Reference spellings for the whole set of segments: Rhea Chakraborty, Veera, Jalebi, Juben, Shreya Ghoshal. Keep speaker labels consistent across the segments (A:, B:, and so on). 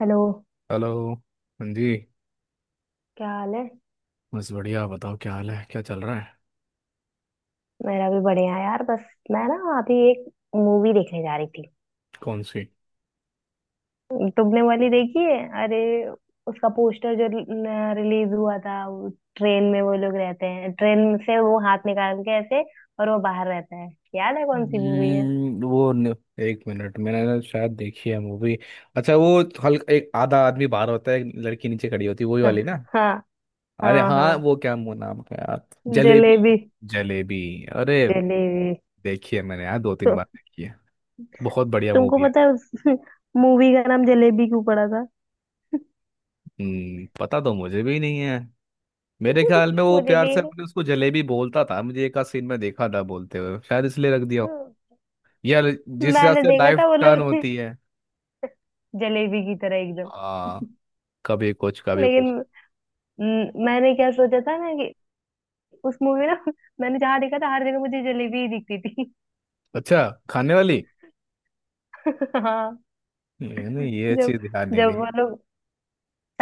A: Hello.
B: Hello. हाँ जी.
A: क्या हाल है।
B: बस बढ़िया, बताओ क्या हाल है, क्या चल रहा है.
A: मेरा भी बढ़िया है यार। बस मैं ना अभी एक मूवी देखने जा रही थी।
B: कौन सी.
A: तुमने वाली देखी है? अरे, उसका पोस्टर जो रिलीज हुआ था, ट्रेन में वो लोग रहते हैं, ट्रेन से वो हाथ निकाल के ऐसे, और वो बाहर रहता है। याद है कौन सी मूवी है?
B: वो न- एक मिनट, मैंने ना शायद देखी है मूवी. अच्छा, वो हल्का एक आधा आदमी बाहर होता है, एक लड़की नीचे खड़ी होती है, वही वाली ना.
A: हाँ।
B: अरे
A: हाँ
B: हाँ,
A: हाँ।
B: वो क्या नाम है यार.
A: जलेबी।
B: जलेबी. जलेबी. अरे.
A: जलेबी
B: देखी है मैंने यार, दो तीन
A: तो।
B: बार देखी है. बहुत बढ़िया
A: तुमको
B: मूवी है.
A: पता है उस मूवी का नाम जलेबी क्यों पड़ा था?
B: हम्म, पता तो मुझे भी नहीं है. मेरे ख्याल में वो
A: मुझे
B: प्यार
A: भी
B: से
A: नहीं।
B: अपने उसको जलेबी बोलता था, मुझे एक आध सीन में देखा था बोलते हुए, शायद इसलिए रख दिया. यार, जिस हिसाब
A: मैंने
B: से
A: देखा
B: लाइफ
A: था वो
B: टर्न
A: लोग
B: होती है.
A: जलेबी की तरह एकदम।
B: हाँ. कभी कुछ कभी
A: लेकिन
B: कुछ.
A: म, मैंने क्या सोचा था ना कि उस मूवी ना मैंने जहाँ देखा था हर जगह मुझे जलेबी ही दिखती थी।
B: अच्छा, खाने वाली.
A: हाँ।
B: ये नहीं, ये
A: जब
B: चीज ध्यान नहीं
A: जब
B: दी.
A: वो लोग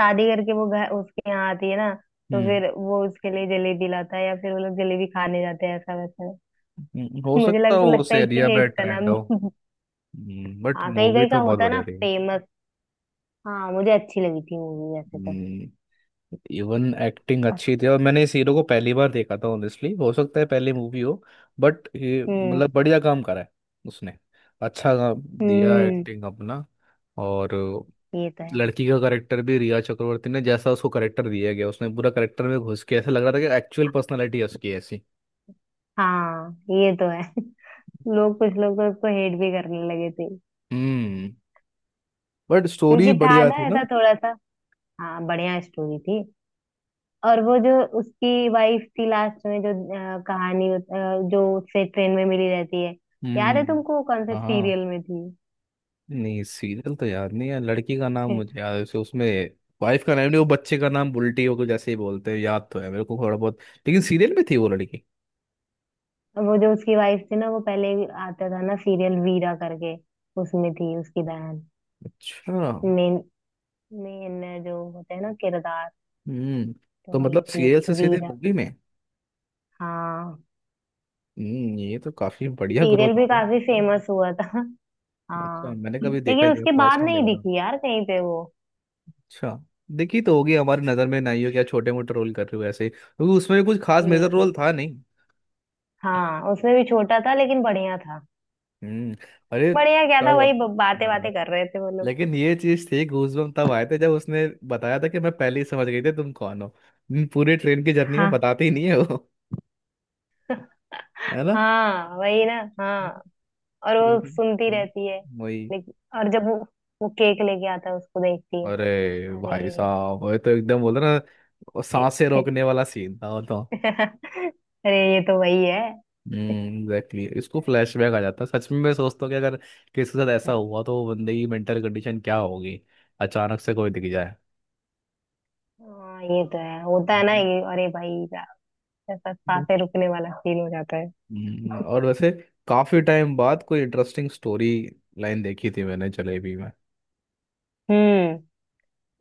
A: शादी करके वो घर उसके यहाँ आती है ना, तो
B: हम्म.
A: फिर वो उसके लिए जलेबी लाता है या फिर वो लोग जलेबी खाने जाते हैं ऐसा वैसा।
B: हो
A: मुझे
B: सकता
A: लग
B: हो
A: लगता
B: उस
A: है
B: एरिया
A: इसीलिए
B: में
A: इसका
B: ट्रेंड
A: नाम।
B: हो. बट
A: हाँ, कहीं
B: मूवी
A: कहीं का
B: तो बहुत
A: होता है ना
B: बढ़िया थी.
A: फेमस। हाँ मुझे अच्छी लगी थी मूवी वैसे तो।
B: हम्म. इवन एक्टिंग अच्छी थी, और मैंने इस हीरो को पहली बार देखा था ऑनेस्टली, हो सकता है पहली मूवी हो. बट ये
A: हम्म।
B: मतलब बढ़िया काम करा है उसने. अच्छा काम दिया
A: हम्म।
B: एक्टिंग अपना. और
A: ये तो है।
B: लड़की का करेक्टर भी, रिया चक्रवर्ती ने जैसा उसको करेक्टर दिया गया, उसने पूरा करेक्टर में घुस के, ऐसा लग रहा था कि एक्चुअल पर्सनालिटी है उसकी ऐसी.
A: हाँ ये तो है। लोग कुछ लोग तो उसको हेट भी करने लगे थे,
B: हम्म. बट स्टोरी
A: क्योंकि था
B: बढ़िया
A: ना
B: थी ना.
A: ऐसा थोड़ा सा। हाँ बढ़िया स्टोरी थी। और वो जो उसकी वाइफ थी लास्ट में जो कहानी जो उससे ट्रेन में मिली रहती है। याद है
B: हम्म.
A: तुमको वो कौन से
B: हाँ.
A: सीरियल में थी?
B: नहीं, सीरियल तो याद नहीं है, लड़की का नाम मुझे याद है उसमें वाइफ का नाम नहीं, वो बच्चे का नाम बुल्टी होकर जैसे ही बोलते हैं, याद तो है मेरे को थोड़ा बहुत. लेकिन सीरियल में थी वो लड़की.
A: वो जो उसकी वाइफ थी ना, वो पहले आता था ना सीरियल वीरा करके, उसमें थी उसकी बहन।
B: अच्छा.
A: मेन मेन जो होते हैं ना किरदार,
B: हम्म.
A: तो
B: तो
A: वही
B: मतलब
A: थी।
B: सीरियल से सीधे
A: वीरा।
B: मूवी में.
A: हाँ।
B: हम्म, ये तो काफी बढ़िया
A: सीरियल
B: ग्रोथ हो
A: भी
B: गया.
A: काफी फेमस हुआ था।
B: अच्छा,
A: हाँ।
B: मैंने कभी देखा
A: लेकिन
B: नहीं,
A: उसके
B: फर्स्ट
A: बाद
B: टाइम
A: नहीं
B: देखा.
A: दिखी यार कहीं पे वो।
B: अच्छा. देखी तो होगी, हमारी नजर में नहीं, हो क्या छोटे मोटे रोल कर रहे हो ऐसे, क्योंकि उसमें भी कुछ खास मेजर
A: ये।
B: रोल था नहीं.
A: हाँ उसमें भी छोटा था लेकिन बढ़िया था।
B: हम्म. अरे.
A: बढ़िया क्या था,
B: तब.
A: वही बातें
B: हाँ.
A: बातें कर रहे थे वो लोग।
B: लेकिन ये चीज थी, गूजबम्प तब आए थे जब उसने बताया था कि मैं पहले ही समझ गई थी तुम कौन हो. पूरे ट्रेन की जर्नी में
A: हाँ।
B: बताते ही नहीं है वो. है ना.
A: हाँ, वही ना। हाँ। और
B: पूरी
A: वो
B: की-
A: सुनती रहती है।
B: तुम्हें- वही.
A: लेकिन और जब वो केक लेके आता है उसको देखती है।
B: अरे भाई
A: अरे।
B: साहब, वो तो एकदम बोला ना. वो सांसें रोकने वाला सीन था वो तो.
A: अरे ये तो वही है।
B: एग्जैक्टली, इसको फ्लैशबैक आ जाता है. सच में मैं सोचता हूँ कि अगर किसी के साथ ऐसा हुआ तो वो बंदे की मेंटल कंडीशन क्या होगी. अचानक से कोई दिख जाए.
A: हाँ ये तो है। होता है ना
B: हम्म.
A: ये। अरे भाई साहब, ऐसा सांसें रुकने वाला सीन हो जाता है।
B: और वैसे काफी टाइम बाद कोई इंटरेस्टिंग स्टोरी लाइन देखी थी मैंने जलेबी में.
A: हम्म,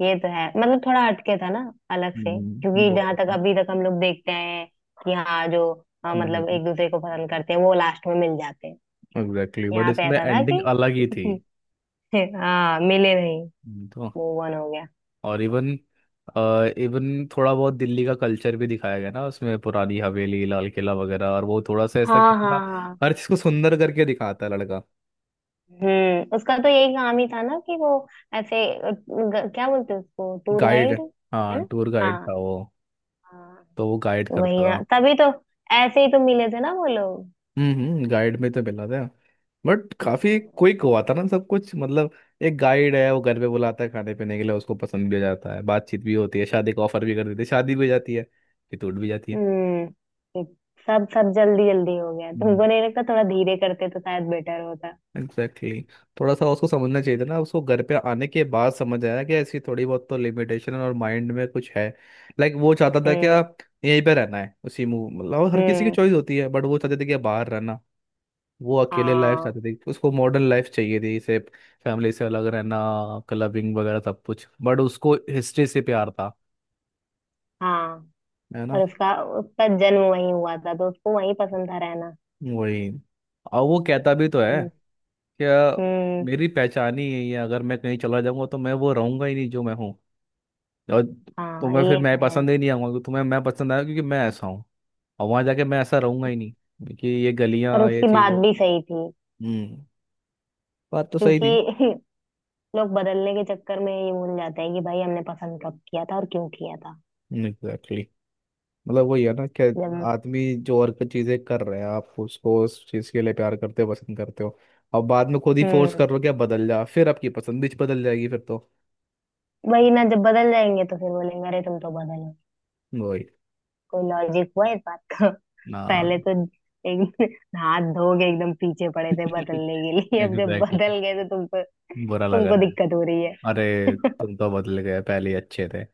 A: ये तो है मतलब थोड़ा हटके था ना, अलग से, क्योंकि
B: बहुत
A: जहां तक
B: अच्छा.
A: अभी तक हम लोग देखते हैं कि हाँ जो, हाँ, मतलब
B: हम्म,
A: एक दूसरे को पसंद करते हैं वो लास्ट में मिल जाते हैं।
B: एग्जैक्टली, बट
A: यहाँ पे
B: इसमें
A: ऐसा था
B: एंडिंग
A: कि
B: अलग ही थी.
A: हाँ मिले नहीं,
B: हम्म. तो
A: मूव ऑन हो गया।
B: और इवन इवन थोड़ा बहुत दिल्ली का कल्चर भी दिखाया गया ना उसमें, पुरानी हवेली, लाल किला वगैरह, और वो थोड़ा सा ऐसा
A: हाँ। हाँ।
B: कितना
A: हाँ।
B: हर चीज को सुंदर करके दिखाता है लड़का.
A: हम्म, उसका तो यही काम ही था ना, कि वो ऐसे क्या बोलते हैं उसको? Tour
B: guide.
A: गाइड। है
B: हाँ,
A: ना।
B: टूर
A: हाँ।
B: गाइड था वो.
A: हाँ।
B: तो वो गाइड
A: तो वही
B: करता
A: ना,
B: था.
A: तभी तो ऐसे ही तो मिले थे ना वो लोग।
B: हम्म. हम्म, गाइड में तो मिला था. बट काफी क्विक हुआ था ना सब कुछ, मतलब एक गाइड है, वो घर पे बुलाता है खाने पीने के लिए, उसको पसंद भी हो जाता है, बातचीत भी होती है, शादी का ऑफर भी कर देते हैं, शादी भी हो जाती है, फिर टूट भी जाती
A: हम्म। सब सब जल्दी जल्दी हो गया, तुमको नहीं
B: है.
A: लगता थोड़ा धीरे करते तो शायद बेटर होता?
B: एग्जैक्टली, थोड़ा सा उसको समझना चाहिए था ना, उसको घर पे आने के बाद समझ आया कि ऐसी थोड़ी बहुत तो लिमिटेशन और माइंड में कुछ है. लाइक वो चाहता था कि
A: हम्म।
B: आप यहीं पे रहना है, उसी मूव, मतलब हर किसी की
A: हम्म।
B: चॉइस होती है, बट वो चाहते थे कि बाहर रहना. वो अकेले लाइफ
A: हाँ।
B: चाहते थे, उसको मॉडर्न लाइफ चाहिए थी इसे. फैमिली से अलग रहना, क्लबिंग वगैरह सब कुछ, बट उसको हिस्ट्री से प्यार था.
A: हाँ।
B: है ना.
A: और उसका उसका जन्म वहीं हुआ था, तो उसको वहीं पसंद था रहना।
B: वही. और वो कहता भी तो है
A: हम्म।
B: क्या,
A: हम्म,
B: मेरी पहचान ही यही है, अगर मैं कहीं चला जाऊंगा तो मैं वो रहूंगा ही नहीं जो मैं हूँ. और
A: हाँ
B: तुम्हें फिर
A: ये तो
B: मैं
A: है।
B: पसंद ही नहीं आऊंगा, क्योंकि तुम्हें मैं पसंद आया क्योंकि मैं ऐसा हूँ, और वहां जाके मैं ऐसा रहूंगा ही नहीं, क्योंकि ये
A: और
B: गलियां, ये
A: उसकी बात
B: चीजें.
A: भी सही थी
B: हम्म. बात तो सही
A: क्योंकि
B: थी.
A: लोग बदलने के चक्कर में ये भूल जाते हैं कि भाई हमने पसंद कब किया था और क्यों किया था।
B: एग्जैक्टली, मतलब वही है ना कि
A: जब
B: आदमी जो और कुछ चीजें कर रहे हैं, आप उसको उस चीज के लिए प्यार करते हो, पसंद करते हो, और बाद में खुद ही फोर्स
A: हम्म।
B: कर रहे हो कि आप बदल जा, फिर आपकी पसंद भी बदल जाएगी फिर तो.
A: वही ना, जब बदल जाएंगे तो फिर बोलेंगे अरे तुम तो बदलो।
B: वही
A: कोई लॉजिक हुआ इस बात का?
B: ना.
A: पहले तो एक हाथ धो के एकदम पीछे पड़े थे
B: एग्जैक्टली,
A: बदलने के लिए, अब जब बदल गए तो तुमको
B: बुरा लग
A: तुमको
B: रहा है.
A: दिक्कत हो रही है।
B: अरे तुम तो बदल गए, पहले ही अच्छे थे.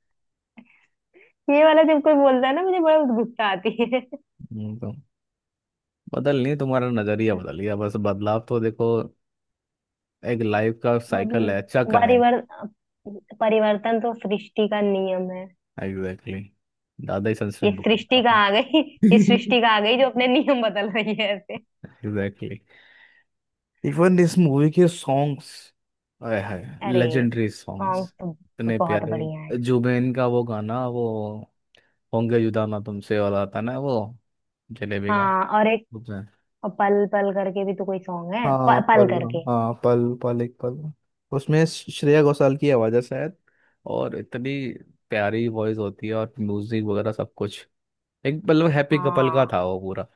A: ये वाला जब कोई बोलता है ना मुझे बड़ा गुस्सा आती है।
B: तो बदल नहीं, तुम्हारा नजरिया बदल गया बस, बदलाव तो देखो. एक लाइफ का साइकिल
A: मतलब
B: है, चक्र है.
A: परिवर परिवर्तन तो सृष्टि का नियम है।
B: एग्जैक्टली, दादा ही
A: ये
B: संस्कृत बुक में था
A: सृष्टि का आ गई, ये सृष्टि
B: आपने.
A: का आ गई जो अपने नियम बदल रही है ऐसे।
B: एग्जैक्टली. इवन इस मूवी के सॉन्ग्स, आय हाय,
A: अरे,
B: लेजेंडरी सॉन्ग्स.
A: सॉन्ग तो
B: इतने
A: बहुत
B: प्यारे.
A: बढ़िया है।
B: जुबेन का वो गाना वो, होंगे जुदा ना तुमसे वाला, आता ना वो, जलेबी का.
A: हाँ और एक पल पल करके भी तो कोई सॉन्ग है,
B: हाँ
A: पल
B: पल.
A: करके।
B: हाँ, पल पल, एक पल. उसमें श्रेया घोषाल की आवाज़ है शायद. और इतनी प्यारी वॉइस होती है, और म्यूजिक वगैरह सब कुछ. एक मतलब हैप्पी कपल का
A: हाँ
B: था वो पूरा.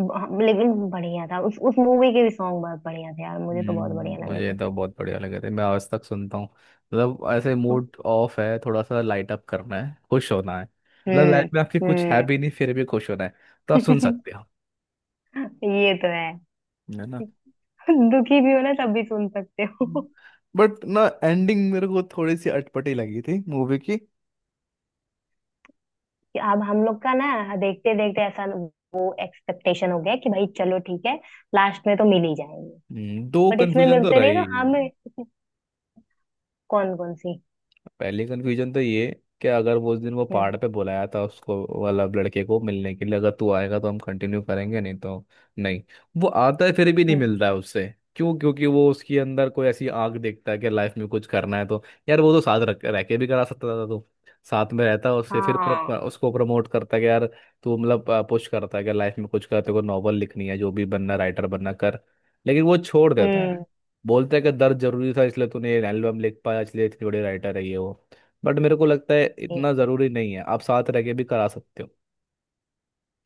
A: लेकिन बढ़िया था, उस मूवी के भी सॉन्ग बहुत बढ़िया थे यार, मुझे तो बहुत बढ़िया लगे
B: मुझे
A: थे।
B: तो बहुत बढ़िया लगे थे, मैं आज तक सुनता हूँ. मतलब ऐसे मूड ऑफ है, थोड़ा सा लाइट अप करना है, खुश होना है, मतलब लाइफ
A: हम्म।
B: में आपकी कुछ है
A: हम्म।
B: भी नहीं फिर भी खुश होना है, तो आप सुन सकते हो.
A: ये तो है।
B: है ना.
A: दुखी भी हो ना तब भी सुन सकते हो।
B: बट ना, एंडिंग मेरे को थोड़ी सी अटपटी लगी थी मूवी की.
A: कि अब हम लोग का ना देखते देखते ऐसा वो एक्सपेक्टेशन हो गया कि भाई चलो ठीक है, लास्ट में तो मिल ही जाएंगे।
B: दो
A: बट इसमें
B: कंफ्यूजन तो
A: मिलते नहीं तो
B: रही.
A: हमें। कौन कौन सी?
B: पहली कन्फ्यूजन तो ये, कि अगर वो उस दिन वो
A: हम्म।
B: पहाड़ पे बुलाया था उसको वाला, लड़के को मिलने के लिए, अगर तू आएगा तो हम कंटिन्यू करेंगे नहीं तो नहीं. वो आता है फिर भी नहीं
A: हम्म।
B: मिल रहा है उससे. क्यों. क्योंकि वो उसके अंदर कोई ऐसी आग देखता है कि लाइफ में कुछ करना है, तो यार वो तो साथ रख रह के भी करा सकता था तो, साथ में रहता है उससे फिर,
A: हाँ।
B: उसको प्रमोट करता है कि यार तू, मतलब पुश करता है कि लाइफ में कुछ कर, तेरे को नॉवल लिखनी है, जो भी बनना, राइटर बनना, कर. लेकिन वो छोड़ देता है.
A: हम्म।
B: बोलते हैं कि दर्द जरूरी था इसलिए तूने ये एल्बम लिख पाया, इसलिए इतनी बड़ी राइटर है ये वो. बट मेरे को लगता है
A: ये।
B: इतना जरूरी नहीं है, आप साथ रह के भी करा सकते हो.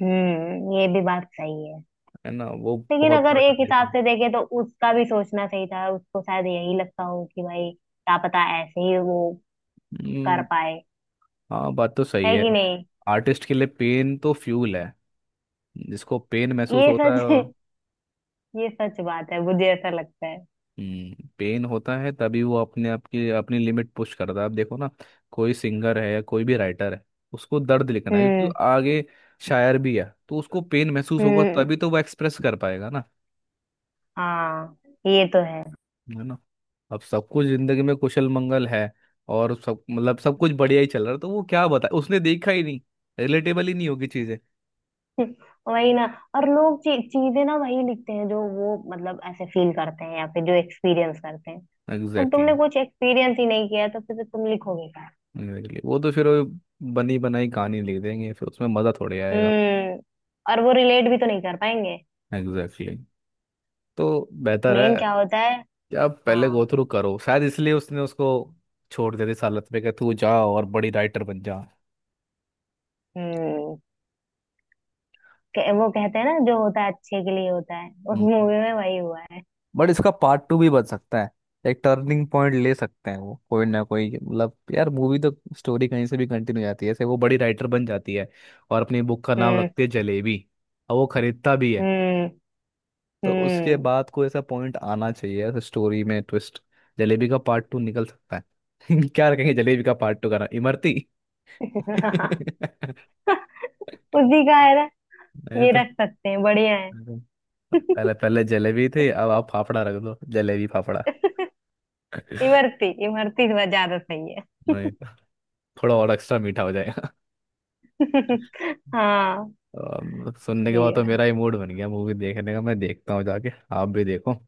A: ये भी बात सही है।
B: है ना, वो
A: लेकिन
B: बहुत
A: अगर
B: बड़ा
A: एक
B: टर्निंग
A: हिसाब
B: पॉइंट.
A: से देखे तो उसका भी सोचना सही था, उसको शायद यही लगता हो कि भाई क्या पता ऐसे ही वो कर
B: हम्म.
A: पाए।
B: हाँ, बात तो सही
A: है
B: है.
A: कि नहीं?
B: आर्टिस्ट के लिए पेन तो फ्यूल है. जिसको पेन महसूस
A: ये
B: होता
A: सच
B: है वो-
A: ये सच बात है, मुझे ऐसा लगता है।
B: हम्म, पेन होता है तभी वो अपने आप की अपनी लिमिट पुश करता है. आप देखो ना, कोई सिंगर है या कोई भी राइटर है, उसको दर्द लिखना है क्योंकि वो
A: हम्म।
B: आगे शायर भी है, तो उसको पेन महसूस होगा
A: हम्म।
B: तभी तो वो एक्सप्रेस कर पाएगा ना.
A: हाँ ये तो है।
B: है ना. अब सब कुछ जिंदगी में कुशल मंगल है, और सब मतलब सब कुछ बढ़िया ही चल रहा है, तो वो क्या बताए, उसने देखा ही नहीं. रिलेटेबल ही नहीं होगी चीजें.
A: वही ना। और लोग चीजें ना वही लिखते हैं जो वो मतलब ऐसे फील करते हैं या फिर जो एक्सपीरियंस करते हैं। अब
B: एग्जैक्टली,
A: तुमने कुछ एक्सपीरियंस ही नहीं किया है, तो फिर तो तुम लिखोगे क्या?
B: exactly. वो तो फिर वो बनी बनाई कहानी लिख देंगे, फिर उसमें मजा थोड़ी आएगा.
A: हम्म। और वो रिलेट भी तो नहीं कर पाएंगे।
B: एग्जैक्टली, तो बेहतर
A: मेन
B: है
A: क्या होता है?
B: कि आप पहले
A: हाँ।
B: गो थ्रू करो, शायद इसलिए उसने उसको छोड़ दे दी इस हालत में कि तू जा और बड़ी राइटर बन
A: हम्म। वो कहते हैं ना जो होता है अच्छे के लिए होता है, उस
B: जा.
A: मूवी में वही हुआ है।
B: बट इसका पार्ट टू भी बन सकता है. एक टर्निंग पॉइंट ले सकते हैं वो, कोई ना कोई, मतलब यार मूवी तो, स्टोरी कहीं से भी कंटिन्यू हो जाती है. ऐसे वो बड़ी राइटर बन जाती है और अपनी बुक का नाम
A: हम्म।
B: रखती है जलेबी, और वो खरीदता भी है.
A: हम्म।
B: तो उसके
A: हम्म।
B: बाद कोई ऐसा पॉइंट आना चाहिए, ऐसे स्टोरी में ट्विस्ट. जलेबी का पार्ट टू निकल सकता है. क्या रखेंगे जलेबी का पार्ट टू का नाम, इमरती. नहीं,
A: उसी का है ना, ये
B: तो
A: रख सकते हैं बढ़िया है।
B: पहले पहले जलेबी थी, अब आप फाफड़ा रख दो, जलेबी फाफड़ा.
A: इमरती। इमरती थोड़ा ज्यादा सही है।
B: नहीं, थोड़ा और एक्स्ट्रा मीठा हो जाएगा.
A: हाँ
B: सुनने के बाद
A: बढ़िया
B: तो
A: है।
B: मेरा ही मूड बन गया मूवी देखने का, मैं देखता हूँ जाके. आप भी देखो.